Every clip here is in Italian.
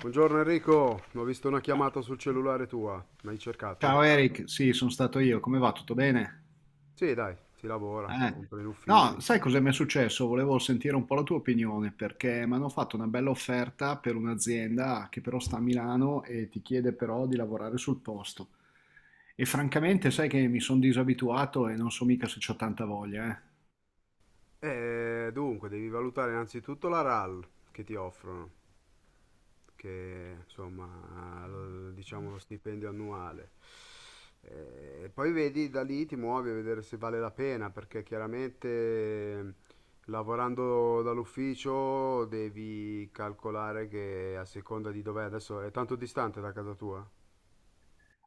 Buongiorno Enrico, ho visto una Ciao chiamata sul cellulare tua, l'hai cercato? Ciao Eric, sì, sono stato io. Come va? Tutto bene? Sì, dai, si lavora, Eh. sempre in No, ufficio. sai cosa mi è successo? Volevo sentire un po' la tua opinione perché mi hanno fatto una bella offerta per un'azienda che però sta a Milano e ti chiede però di lavorare sul posto. E francamente, sai che mi sono disabituato e non so mica se c'ho tanta voglia, eh. E dunque, devi valutare innanzitutto la RAL che ti offrono, che insomma, diciamo lo stipendio annuale. E poi vedi da lì ti muovi a vedere se vale la pena, perché chiaramente lavorando dall'ufficio devi calcolare che a seconda di dov'è adesso è tanto distante da casa tua?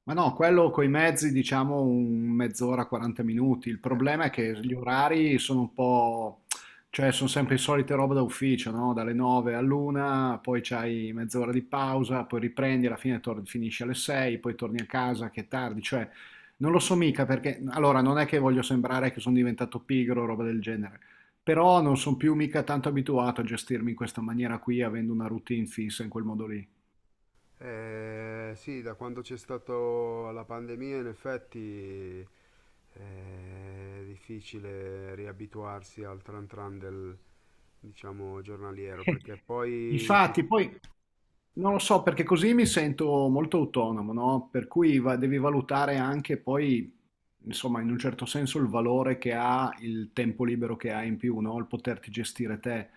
Ma no, quello coi mezzi diciamo un mezz'ora, 40 minuti. Il problema è che gli orari sono un po', cioè sono sempre le solite robe da ufficio, no? Dalle 9 all'una, poi c'hai mezz'ora di pausa, poi riprendi, alla fine finisci alle 6, poi torni a casa che è tardi, cioè non lo so mica perché, allora non è che voglio sembrare che sono diventato pigro o roba del genere, però non sono più mica tanto abituato a gestirmi in questa maniera qui, avendo una routine fissa in quel modo lì. Sì, da quando c'è stata la pandemia, in effetti è difficile riabituarsi al tran tran del, diciamo, giornaliero, perché poi sì, Infatti, poi non lo so, perché così mi sento molto autonomo, no? Per cui devi valutare anche poi, insomma, in un certo senso il valore che ha il tempo libero che hai in più, no? Il poterti gestire te.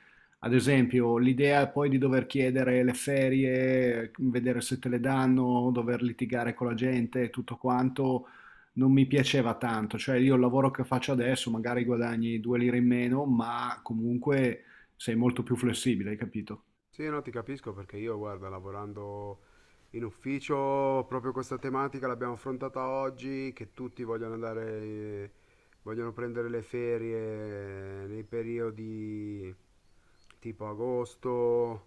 Ad esempio, l'idea poi di dover chiedere le ferie, vedere se te le danno, dover litigare con la gente, tutto quanto, non mi piaceva tanto. Cioè, io il lavoro che faccio adesso, magari guadagni due lire in meno, ma comunque sei molto più flessibile, hai capito? sì, no, ti capisco perché io, guarda, lavorando in ufficio, proprio questa tematica l'abbiamo affrontata oggi, che tutti vogliono andare, vogliono prendere le ferie nei periodi tipo agosto.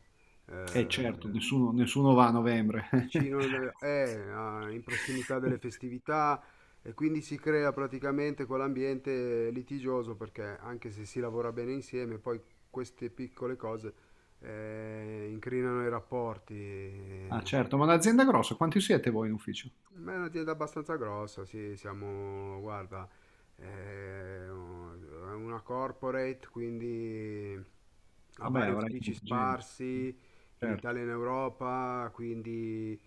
Eh certo, Eh, nessuno va a novembre. vicino, in prossimità delle festività e quindi si crea praticamente quell'ambiente litigioso perché anche se si lavora bene insieme, poi queste piccole cose incrinano i Ah rapporti. certo, ma un'azienda grossa, quanti siete voi in ufficio? Ma è un'azienda abbastanza grossa, sì, siamo, guarda, è una corporate, quindi ha Vabbè, vari avrai uffici tanta gente. sparsi in Certo. Italia e in Europa, quindi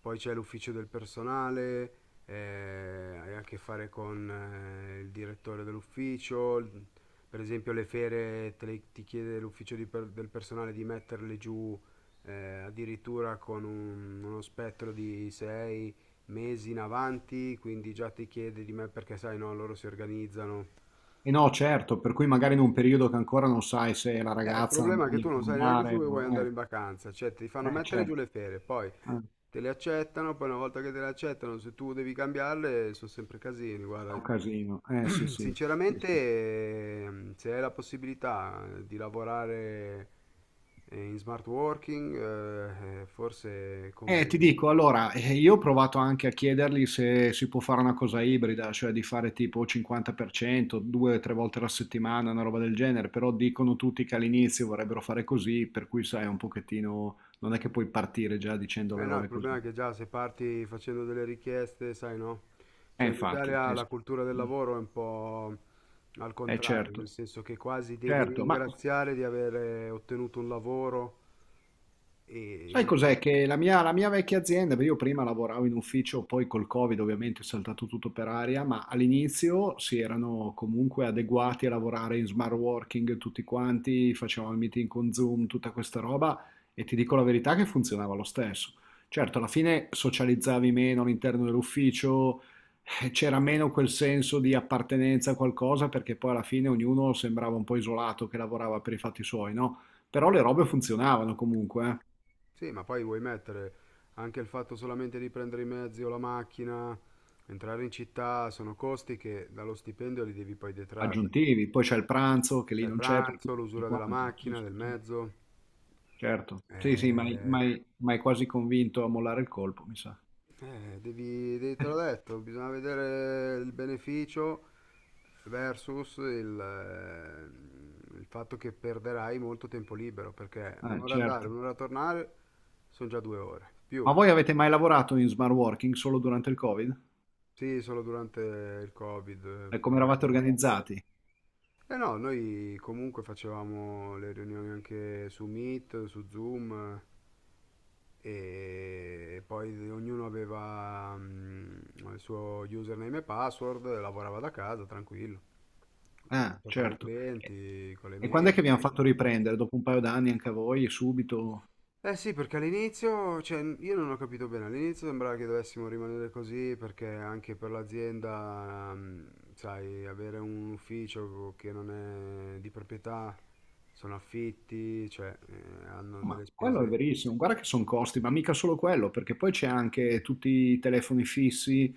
poi c'è l'ufficio del personale, eh, hai a che fare con il direttore dell'ufficio, per esempio le fere ti chiede l'ufficio del personale di metterle giù addirittura con uno spettro di 6 mesi in avanti, quindi già ti chiede di me perché sai, no, loro si organizzano. E no, certo, per cui magari in un periodo che ancora non sai se la Il ragazza problema è che tu voglia non sai neanche se andare, vuoi andare in vacanza, cioè ti fanno mettere giù certo, le fere, poi eh, te le accettano, poi una volta che te le accettano, se tu devi cambiarle, sono sempre casini, è guarda. un casino, eh sì sì, sì, sì, sì. Sinceramente, se hai la possibilità di lavorare in smart working, forse Ti conviene. dico, allora, io ho provato anche a chiedergli se si può fare una cosa ibrida, cioè di fare tipo 50%, due o tre volte alla settimana, una roba del genere, però dicono tutti che all'inizio vorrebbero fare così, per cui sai, un pochettino, non è che puoi partire già dicendo Eh le no, il robe così. problema è che già se parti facendo delle richieste, sai no? Cioè in Infatti, Italia sì, la sì. cultura del lavoro è un po' al contrario, nel Certo, senso che quasi devi certo, ma ringraziare di aver ottenuto un lavoro e in sai cos'è? anticipo. Che la mia vecchia azienda, perché io prima lavoravo in ufficio, poi col Covid ovviamente è saltato tutto per aria, ma all'inizio si erano comunque adeguati a lavorare in smart working tutti quanti, facevamo il meeting con Zoom, tutta questa roba e ti dico la verità che funzionava lo stesso. Certo, alla fine socializzavi meno all'interno dell'ufficio, c'era meno quel senso di appartenenza a qualcosa perché poi alla fine ognuno sembrava un po' isolato che lavorava per i fatti suoi, no? Però le robe funzionavano comunque, eh. Sì, ma poi vuoi mettere anche il fatto solamente di prendere i mezzi o la macchina, entrare in città, sono costi che dallo stipendio li devi poi detrarre. Aggiuntivi, poi c'è il pranzo che lì Cioè il non c'è per cui pranzo, tutto l'usura della quanto, no? Sì, macchina, sì, del sì, mezzo. certo. Sì, sì, ma Eh, hai quasi convinto a mollare il colpo, mi sa. Te l'ho detto, bisogna vedere il beneficio versus il fatto che perderai molto tempo libero, perché un'ora andare, Certo. un'ora tornare sono già due ore, Ma più voi avete mai lavorato in smart working solo durante il Covid? sì, solo durante il Covid, E come eravate organizzati? eh no, noi comunque facevamo le riunioni anche su Meet, su Zoom e poi ognuno aveva il suo username e password, lavorava da casa, tranquillo. Ah, Contattava i certo. E clienti con le e quando è mail. che vi hanno fatto eh, riprendere? Dopo un paio d'anni anche a voi, subito? Eh sì, perché all'inizio, cioè, io non ho capito bene, all'inizio sembrava che dovessimo rimanere così perché anche per l'azienda, sai, avere un ufficio che non è di proprietà, sono affitti, cioè, hanno Ma delle quello è spese. verissimo. Guarda che sono costi, ma mica solo quello, perché poi c'è anche tutti i telefoni fissi,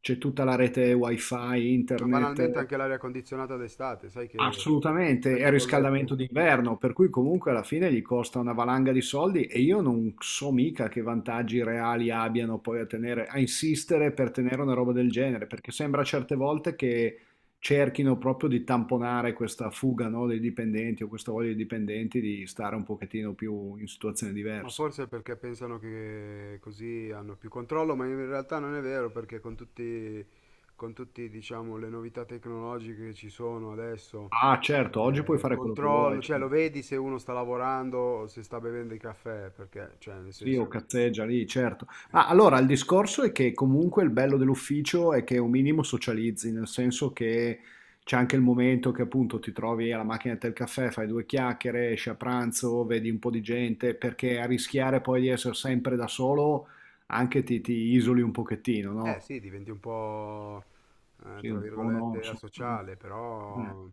c'è tutta la rete wifi, Ma internet. banalmente anche l'aria condizionata d'estate, Assolutamente, sai è che riscaldamento bollette? d'inverno, per cui comunque alla fine gli costa una valanga di soldi e io non so mica che vantaggi reali abbiano poi a tenere, a insistere per tenere una roba del genere, perché sembra certe volte che cerchino proprio di tamponare questa fuga, no, dei dipendenti o questa voglia dei dipendenti di stare un pochettino più in situazioni Ma diverse. forse è perché pensano che così hanno più controllo, ma in realtà non è vero perché con tutti, diciamo, le novità tecnologiche che ci sono adesso, Ah, certo, oggi puoi fare quello che vuoi, controllo, cioè lo certo. vedi se uno sta lavorando o se sta bevendo il caffè, perché, cioè, nel Sì, o senso, cazzeggia lì, certo. eh Ma allora il discorso è che comunque il bello dell'ufficio è che un minimo socializzi, nel senso che c'è anche il momento che appunto ti trovi alla macchina del caffè, fai due chiacchiere, esci a pranzo, vedi un po' di gente, perché a rischiare poi di essere sempre da solo anche ti isoli un pochettino, no? sì, diventi un po', Sì, tra un po' un virgolette, orso. asociale, però,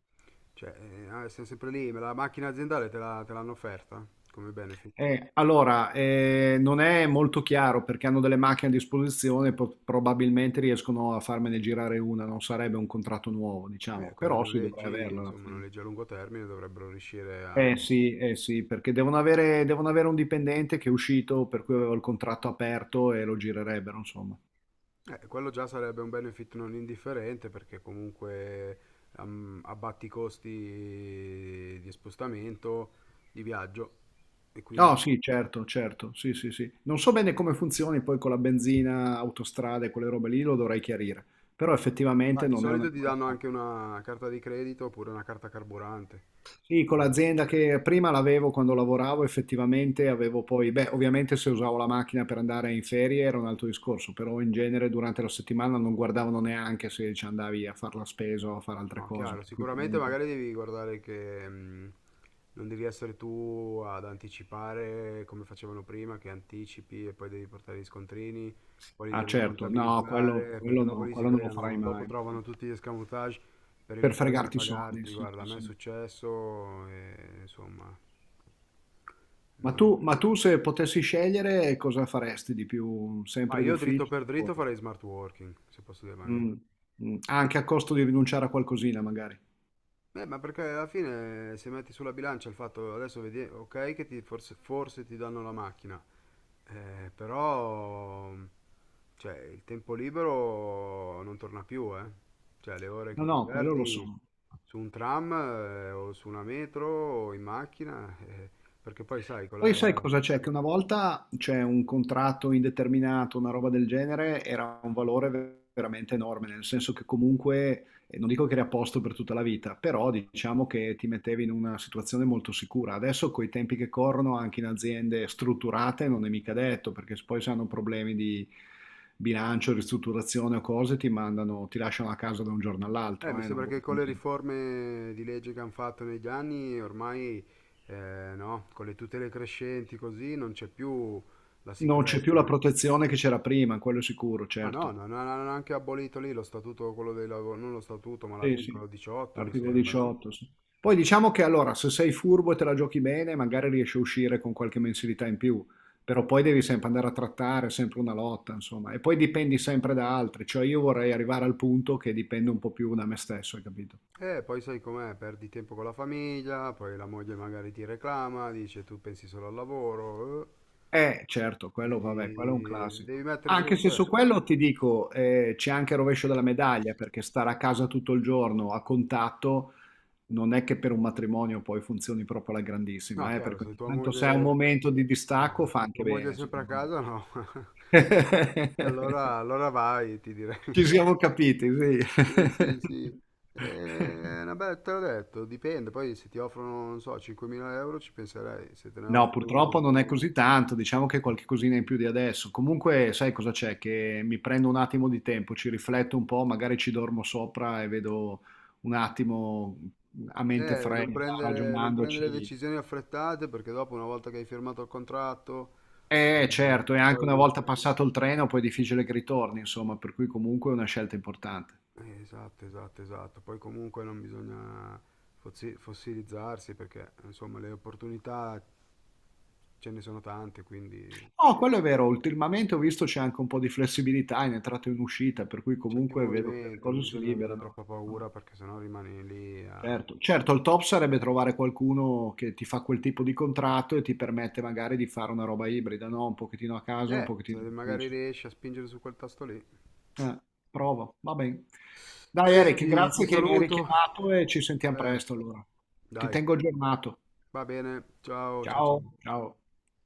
sei sempre lì, ma la macchina aziendale te l'hanno offerta come benefit. Allora, non è molto chiaro perché hanno delle macchine a disposizione, probabilmente riescono a farmene girare una, non sarebbe un contratto nuovo, diciamo, Con i però sì, dovrei noleggi, averla alla insomma, fine. noleggi a lungo termine dovrebbero riuscire a Sì, eh sì, perché devono avere un dipendente che è uscito, per cui avevo il contratto aperto e lo girerebbero, insomma. eh, quello già sarebbe un benefit non indifferente perché comunque abbatti i costi di spostamento, di viaggio e No, quindi sì, certo, certo, sì, sì, sì. Non so bene come funzioni poi con la benzina, autostrade, quelle robe lì, lo dovrei chiarire, però ma effettivamente di non è una solito ti danno roba. anche una carta di credito oppure una carta carburante. Sì, con l'azienda che prima l'avevo quando lavoravo, effettivamente avevo poi, beh, ovviamente se usavo la macchina per andare in ferie era un altro discorso, però in genere durante la settimana non guardavano neanche se ci andavi a fare la spesa o a fare altre No, cose, chiaro, per cui sicuramente comunque. magari devi guardare che non devi essere tu ad anticipare come facevano prima, che anticipi e poi devi portare gli scontrini, poi li Ah, devono certo, no, quello, contabilizzare, perché quello dopo no, lì si quello non lo farai creano, dopo mai, no, trovano tutti gli escamotage per per evitare di fregarti i soldi, pagarti. sì, Guarda, a sì, me è sì. successo e insomma, non Ma tu se potessi scegliere cosa faresti di più, ma sempre io dritto d'ufficio? per dritto farei smart working, se posso dire la mia. Mm, mm. Anche a costo di rinunciare a qualcosina, magari. Ma perché alla fine se metti sulla bilancia il fatto, adesso vedi, ok, che ti, forse, forse ti danno la macchina, eh, però, cioè, il tempo libero non torna più, eh. Cioè, le ore No, che tu no, quello lo so. perdi su un tram, o su una metro o in macchina, perché poi sai, con Poi sai la cosa c'è? Che una volta c'è un contratto indeterminato, una roba del genere, era un valore veramente enorme, nel senso che comunque, non dico che eri a posto per tutta la vita, però diciamo che ti mettevi in una situazione molto sicura. Adesso con i tempi che corrono, anche in aziende strutturate, non è mica detto, perché se poi se hanno problemi di bilancio, ristrutturazione o cose, ti mandano, ti lasciano a casa da un giorno all'altro, mi non sembra vuol che con dire le niente. riforme di legge che hanno fatto negli anni, ormai, no, con le tutele crescenti così, non c'è più la Non c'è più sicurezza. la protezione che c'era prima, quello è sicuro, Ma no, certo. non hanno anche abolito lì lo statuto, quello dei non lo statuto, ma Sì, sì, l'articolo 18, mi articolo sembra, no? 18, sì. Poi diciamo che allora, se sei furbo e te la giochi bene, magari riesci a uscire con qualche mensilità in più, però poi devi sempre andare a trattare, è sempre una lotta, insomma, e poi dipendi sempre da altri, cioè io vorrei arrivare al punto che dipendo un po' più da me stesso, hai capito? Poi sai com'è, perdi tempo con la famiglia, poi la moglie magari ti reclama, dice tu pensi solo al lavoro, Certo, quello vabbè, quello è un devi, devi classico. mettere su, Anche se cioè, su quello ti dico, c'è anche il rovescio della medaglia, perché stare a casa tutto il giorno a contatto. Non è che per un matrimonio poi funzioni proprio alla no, grandissima, chiaro, perché se ogni tua tanto se è un moglie, momento di distacco eh, fa se anche tua moglie è bene, sempre a secondo me. casa, no, allora, allora vai, ti direi. Ci siamo capiti, sì. Sì, sì, sì. Vabbè, te l'ho detto, dipende, poi se ti offrono, non so, 5.000 euro ci penserei, se te ne No, purtroppo offrono non è così tanto, diciamo che qualche cosina in più di adesso. Comunque, sai cosa c'è? Che mi prendo un attimo di tempo, ci rifletto un po', magari ci dormo sopra e vedo un attimo a mente eh, non fredda, prendere, non prendere ragionandoci. decisioni affrettate perché dopo una volta che hai firmato il contratto, Eh eh, certo, e anche poi... una di- volta passato il treno poi è difficile che ritorni, insomma, per cui comunque è una scelta importante. Esatto, esatto, esatto. Poi comunque non bisogna fossilizzarsi perché insomma le opportunità ce ne sono tante, quindi Oh, quello è vero, ultimamente ho visto c'è anche un po' di flessibilità in entrata e in uscita, per cui c'è più comunque vedo che le movimento, non cose si bisogna avere liberano, troppa no? paura perché sennò rimani lì a Certo, certo, il top sarebbe trovare qualcuno che ti fa quel tipo di contratto e ti permette magari di fare una roba ibrida, no? Un pochettino a casa e un eh, se pochettino in magari ufficio. riesci a spingere su quel tasto lì. Eh, provo, va bene. Dai Eric, Senti, ti grazie che mi hai saluto. richiamato e ci sentiamo Eh, presto allora. Ti dai, tengo aggiornato. va bene, ciao, ciao, Ciao, ciao. ciao.